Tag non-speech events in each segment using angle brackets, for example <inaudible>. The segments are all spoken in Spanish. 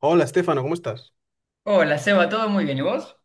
Hola, Estefano, ¿cómo estás? Hola, Seba, ¿todo muy bien? ¿Y vos?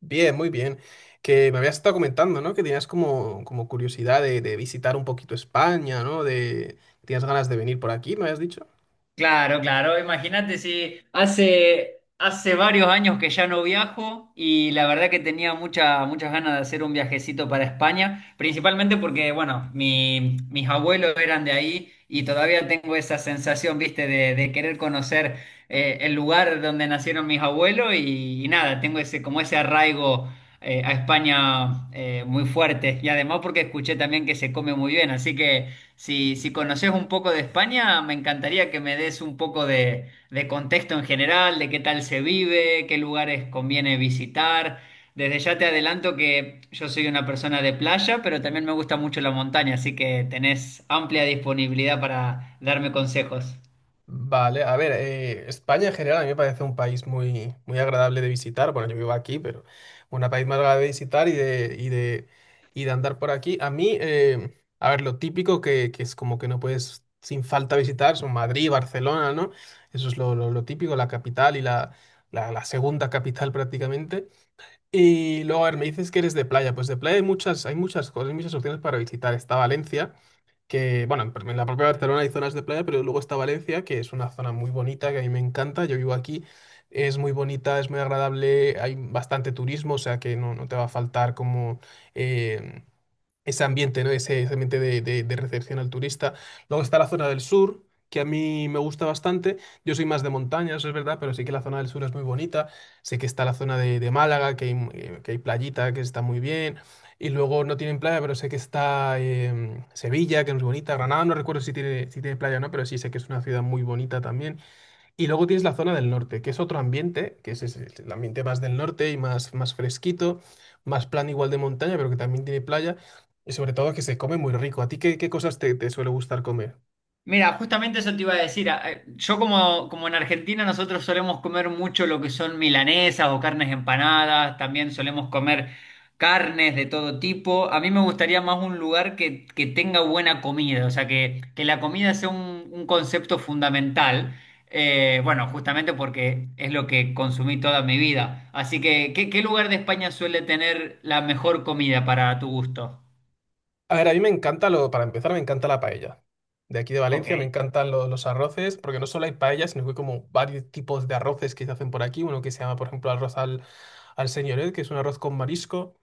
Bien, muy bien. Que me habías estado comentando, ¿no? Que tenías como curiosidad de visitar un poquito España, ¿no? De, tenías ganas de venir por aquí, me habías dicho. Claro, claro. Imagínate si hace varios años que ya no viajo y la verdad que tenía muchas ganas de hacer un viajecito para España, principalmente porque, bueno, mis abuelos eran de ahí y todavía tengo esa sensación, viste, de querer conocer el lugar donde nacieron mis abuelos y nada, tengo ese, como ese arraigo a España muy fuerte, y además porque escuché también que se come muy bien, así que Si, si conoces un poco de España, me encantaría que me des un poco de contexto en general, de qué tal se vive, qué lugares conviene visitar. Desde ya te adelanto que yo soy una persona de playa, pero también me gusta mucho la montaña, así que tenés amplia disponibilidad para darme consejos. Vale, a ver, España en general a mí me parece un país muy, muy agradable de visitar. Bueno, yo vivo aquí, pero un país más agradable de visitar y de andar por aquí. A mí, a ver, lo típico que es como que no puedes sin falta visitar son Madrid, Barcelona, ¿no? Eso es lo típico, la capital y la segunda capital <laughs> prácticamente. Y luego, a ver, me dices que eres de playa. Pues de playa hay muchas cosas, hay muchas opciones para visitar. Está Valencia que, bueno, en la propia Barcelona hay zonas de playa, pero luego está Valencia, que es una zona muy bonita, que a mí me encanta, yo vivo aquí, es muy bonita, es muy agradable, hay bastante turismo, o sea que no, no te va a faltar como eh, ese ambiente, ¿no? Ese ambiente de recepción al turista. Luego está la zona del sur, que a mí me gusta bastante. Yo soy más de montaña, eso es verdad, pero sí que la zona del sur es muy bonita. Sé que está la zona de Málaga, que hay, que hay playita, que está muy bien. Y luego no tienen playa, pero sé que está Sevilla, que es muy bonita. Granada, no recuerdo si tiene, si tiene playa o no, pero sí sé que es una ciudad muy bonita también. Y luego tienes la zona del norte, que es otro ambiente, que es, ese, el ambiente más del norte y más, más fresquito, más plan igual de montaña, pero que también tiene playa y sobre todo que se come muy rico. ¿A ti qué, qué cosas te, te suele gustar comer? Mira, justamente eso te iba a decir. Yo como, como en Argentina nosotros solemos comer mucho lo que son milanesas o carnes empanadas, también solemos comer carnes de todo tipo. A mí me gustaría más un lugar que tenga buena comida, o sea, que la comida sea un concepto fundamental. Bueno, justamente porque es lo que consumí toda mi vida. Así que ¿qué, qué lugar de España suele tener la mejor comida para tu gusto? A ver, a mí me encanta lo, para empezar, me encanta la paella. De aquí de Ok. Valencia me encantan los arroces, porque no solo hay paella, sino que hay como varios tipos de arroces que se hacen por aquí. Uno que se llama, por ejemplo, al señoret, que es un arroz con marisco,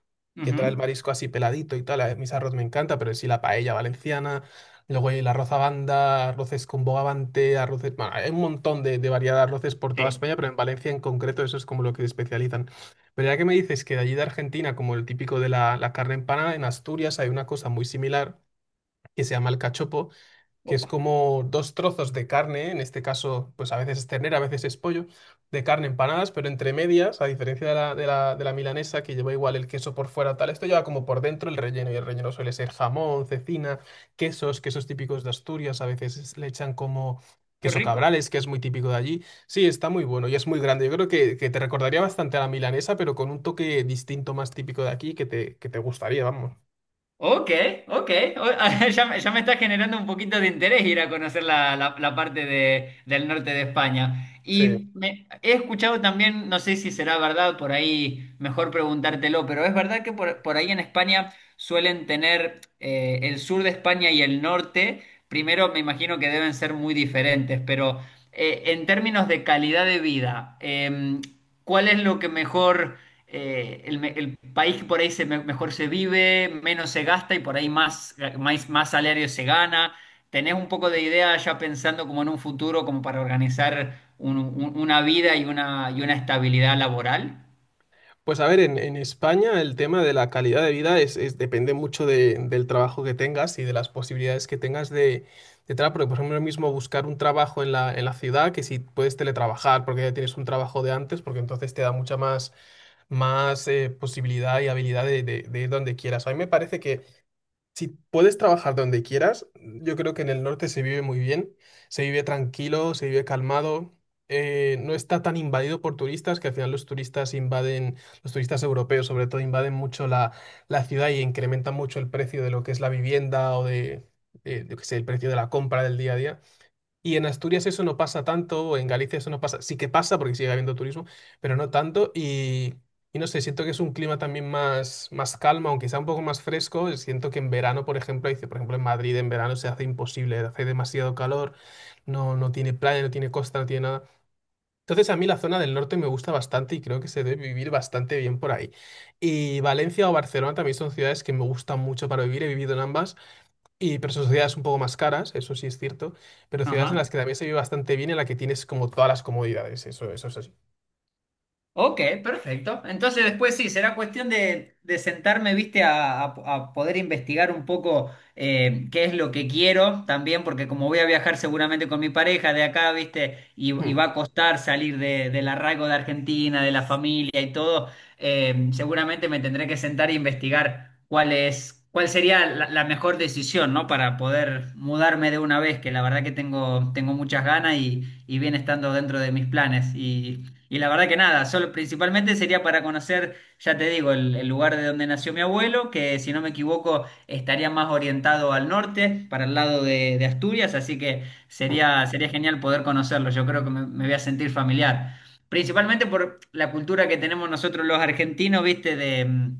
que trae el Ujú. marisco así peladito y tal. A mis arroz me encanta, pero en sí la paella valenciana. Luego hay el arroz a banda, arroces con bogavante, arroces, bueno, hay un montón de variedad de arroces por toda Sí. España, pero en Valencia en concreto eso es como lo que se especializan. Pero ya que me dices que de allí de Argentina, como el típico de la carne empanada, en Asturias hay una cosa muy similar que se llama el cachopo, que es Opa, como dos trozos de carne, en este caso, pues a veces es ternera, a veces es pollo, de carne empanadas, pero entre medias, a diferencia de la milanesa, que lleva igual el queso por fuera, tal, esto lleva como por dentro el relleno, y el relleno suele ser jamón, cecina, quesos, quesos típicos de Asturias, a veces le echan como qué queso rico. cabrales, que es muy típico de allí. Sí, está muy bueno y es muy grande. Yo creo que te recordaría bastante a la milanesa, pero con un toque distinto más típico de aquí que te gustaría, vamos. Ok, ok. <laughs> Ya me está generando un poquito de interés ir a conocer la, la parte del norte de España. Sí, Y he escuchado también, no sé si será verdad, por ahí mejor preguntártelo, pero es verdad que por ahí en España suelen tener el sur de España y el norte. Primero me imagino que deben ser muy diferentes, pero en términos de calidad de vida, ¿cuál es lo que mejor, el país que por ahí mejor se vive, menos se gasta y por ahí más, más, más salario se gana? ¿Tenés un poco de idea ya pensando como en un futuro, como para organizar una vida y una estabilidad laboral? pues a ver, en España el tema de la calidad de vida depende mucho del trabajo que tengas y de las posibilidades que tengas de trabajo. Porque, por ejemplo, ahora mismo buscar un trabajo en en la ciudad, que si puedes teletrabajar porque ya tienes un trabajo de antes, porque entonces te da mucha más posibilidad y habilidad de ir donde quieras. A mí me parece que si puedes trabajar donde quieras, yo creo que en el norte se vive muy bien, se vive tranquilo, se vive calmado, no está tan invadido por turistas, que al final los turistas invaden, los turistas europeos sobre todo invaden mucho la ciudad y incrementan mucho el precio de lo que es la vivienda o de, yo qué sé, el precio de la compra del día a día. Y en Asturias eso no pasa tanto, o en Galicia eso no pasa, sí que pasa porque sigue habiendo turismo, pero no tanto. Y no sé, siento que es un clima también más, más calma, aunque sea un poco más fresco. Siento que en verano, por ejemplo, dice, por ejemplo, en Madrid en verano se hace imposible, hace demasiado calor, no, no tiene playa, no tiene costa, no tiene nada. Entonces a mí la zona del norte me gusta bastante y creo que se debe vivir bastante bien por ahí. Y Valencia o Barcelona también son ciudades que me gustan mucho para vivir, he vivido en ambas. Y, pero son ciudades un poco más caras, eso sí es cierto, pero ciudades en Ajá. las que también se vive bastante bien, en las que tienes como todas las comodidades, eso es así. Ok, perfecto. Entonces después sí, será cuestión de sentarme, viste, a poder investigar un poco qué es lo que quiero también, porque como voy a viajar seguramente con mi pareja de acá, viste, y Mm, va a costar salir del arraigo de Argentina, de la familia y todo. Seguramente me tendré que sentar e investigar cuál es, cuál sería la, la mejor decisión, ¿no? Para poder mudarme de una vez, que la verdad que tengo, tengo muchas ganas y viene estando dentro de mis planes. Y la verdad que nada, solo, principalmente sería para conocer, ya te digo, el lugar de donde nació mi abuelo, que si no me equivoco estaría más orientado al norte, para el lado de Asturias, así que mm. sería, sería genial poder conocerlo, yo creo que me voy a sentir familiar. Principalmente por la cultura que tenemos nosotros los argentinos, viste, de,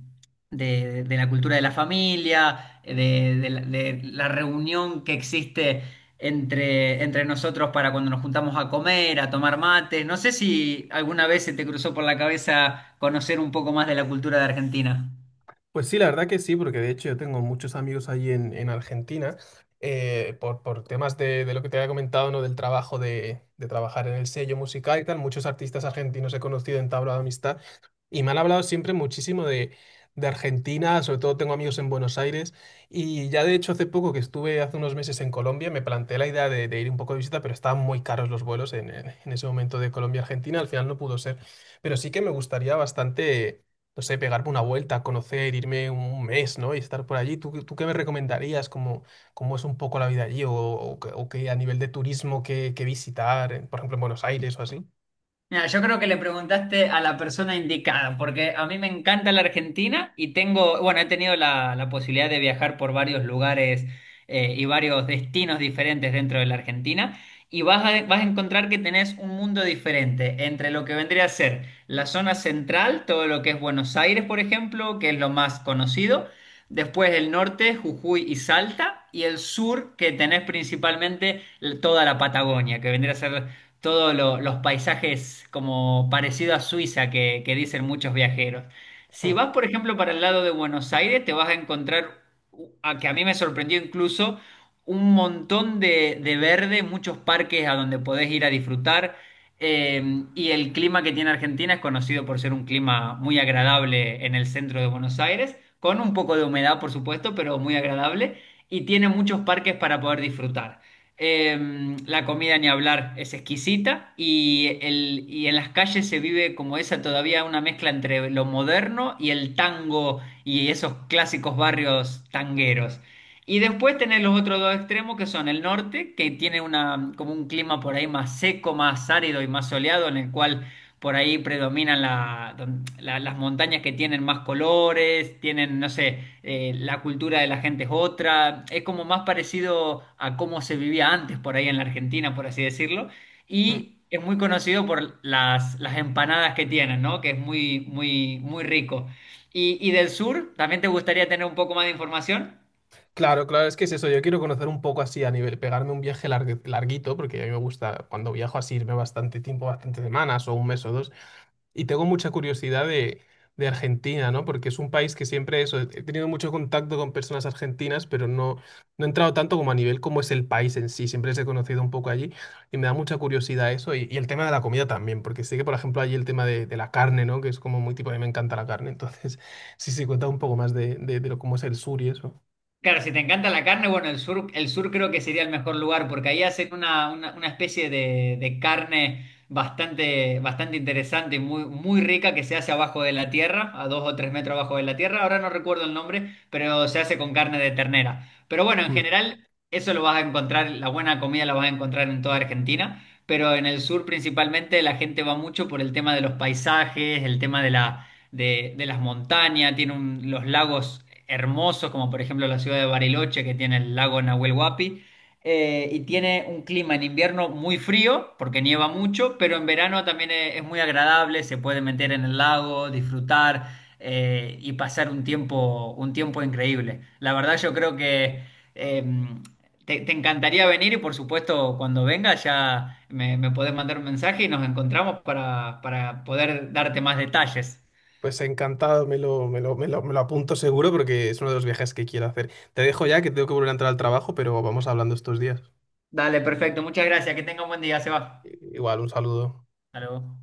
de la cultura de la familia, de la reunión que existe entre, entre nosotros para cuando nos juntamos a comer, a tomar mates. No sé si alguna vez se te cruzó por la cabeza conocer un poco más de la cultura de Argentina. Pues sí, la verdad que sí, porque de hecho yo tengo muchos amigos allí en Argentina, por temas de lo que te había comentado, ¿no? Del trabajo de trabajar en el sello musical y tal, muchos artistas argentinos he conocido, he entablado amistad. Y me han hablado siempre muchísimo de Argentina, sobre todo tengo amigos en Buenos Aires. Y ya de hecho hace poco que estuve hace unos meses en Colombia, me planteé la idea de ir un poco de visita, pero estaban muy caros los vuelos en ese momento de Colombia-Argentina, al final no pudo ser. Pero sí que me gustaría bastante, no sé, pegarme una vuelta, conocer, irme un mes, ¿no? Y estar por allí. ¿Tú, tú qué me recomendarías? ¿Cómo, cómo es un poco la vida allí? ¿O, o qué a nivel de turismo qué, qué visitar, por ejemplo, en Buenos Aires o así? Mira, yo creo que le preguntaste a la persona indicada, porque a mí me encanta la Argentina y tengo, bueno, he tenido la, la posibilidad de viajar por varios lugares, y varios destinos diferentes dentro de la Argentina, y vas a, vas a encontrar que tenés un mundo diferente entre lo que vendría a ser la zona central, todo lo que es Buenos Aires, por ejemplo, que es lo más conocido, después el norte, Jujuy y Salta, y el sur, que tenés principalmente toda la Patagonia, que vendría a ser todos los paisajes como parecido a Suiza que dicen muchos viajeros. Si Hmm, vas, por ejemplo, para el lado de Buenos Aires, te vas a encontrar, a que a mí me sorprendió incluso, un montón de verde, muchos parques a donde podés ir a disfrutar. eh, y el clima que tiene Argentina es conocido por ser un clima muy agradable en el centro de Buenos Aires, con un poco de humedad, por supuesto, pero muy agradable, y tiene muchos parques para poder disfrutar. La comida ni hablar es exquisita, y, el, y en las calles se vive como esa todavía una mezcla entre lo moderno y el tango y esos clásicos barrios tangueros. Y después tenés los otros dos extremos que son el norte, que tiene una, como un clima por ahí más seco, más árido y más soleado, en el cual por ahí predominan la- las montañas que tienen más colores, tienen, no sé, la cultura de la gente es otra, es como más parecido a cómo se vivía antes por ahí en la Argentina, por así decirlo, hmm. y es muy conocido por las empanadas que tienen, ¿no? Que es muy, muy, muy rico. Y del sur, ¿también te gustaría tener un poco más de información? Claro, claro, es que es eso. Yo quiero conocer un poco así a nivel, pegarme un viaje larguito, porque a mí me gusta cuando viajo así irme bastante tiempo, bastantes semanas o un mes o dos. Y tengo mucha curiosidad de Argentina, ¿no? Porque es un país que siempre eso, he tenido mucho contacto con personas argentinas, pero no, no he entrado tanto como a nivel como es el país en sí. Siempre les he conocido un poco allí y me da mucha curiosidad eso. Y el tema de la comida también, porque sé que, por ejemplo, allí el tema de la carne, ¿no? Que es como muy tipo, a mí me encanta la carne. Entonces, <laughs> sí, sí, cuenta un poco más de lo, cómo es el sur y eso. Claro, si te encanta la carne, bueno, el sur creo que sería el mejor lugar porque ahí hacen una especie de carne bastante, bastante interesante, muy, muy rica que se hace abajo de la tierra, a dos o tres metros abajo de la tierra. Ahora no recuerdo el nombre, pero se hace con carne de ternera. Pero bueno, en Mm. general eso lo vas a encontrar, la buena comida la vas a encontrar en toda Argentina, pero en el sur principalmente la gente va mucho por el tema de los paisajes, el tema de la de las montañas, tiene los lagos hermosos, como por ejemplo la ciudad de Bariloche, que tiene el lago Nahuel Huapi, y tiene un clima en invierno muy frío, porque nieva mucho, pero en verano también es muy agradable, se puede meter en el lago, disfrutar y pasar un tiempo increíble. La verdad yo creo que... em, te, te encantaría venir y por supuesto cuando vengas ya me podés mandar un mensaje y nos encontramos para poder darte más detalles. Pues encantado, me lo apunto seguro porque es uno de los viajes que quiero hacer. Te dejo ya que tengo que volver a entrar al trabajo, pero vamos hablando estos días. Dale, perfecto. Muchas gracias. Que tenga un buen día. Se va. Igual, un saludo. Hasta luego.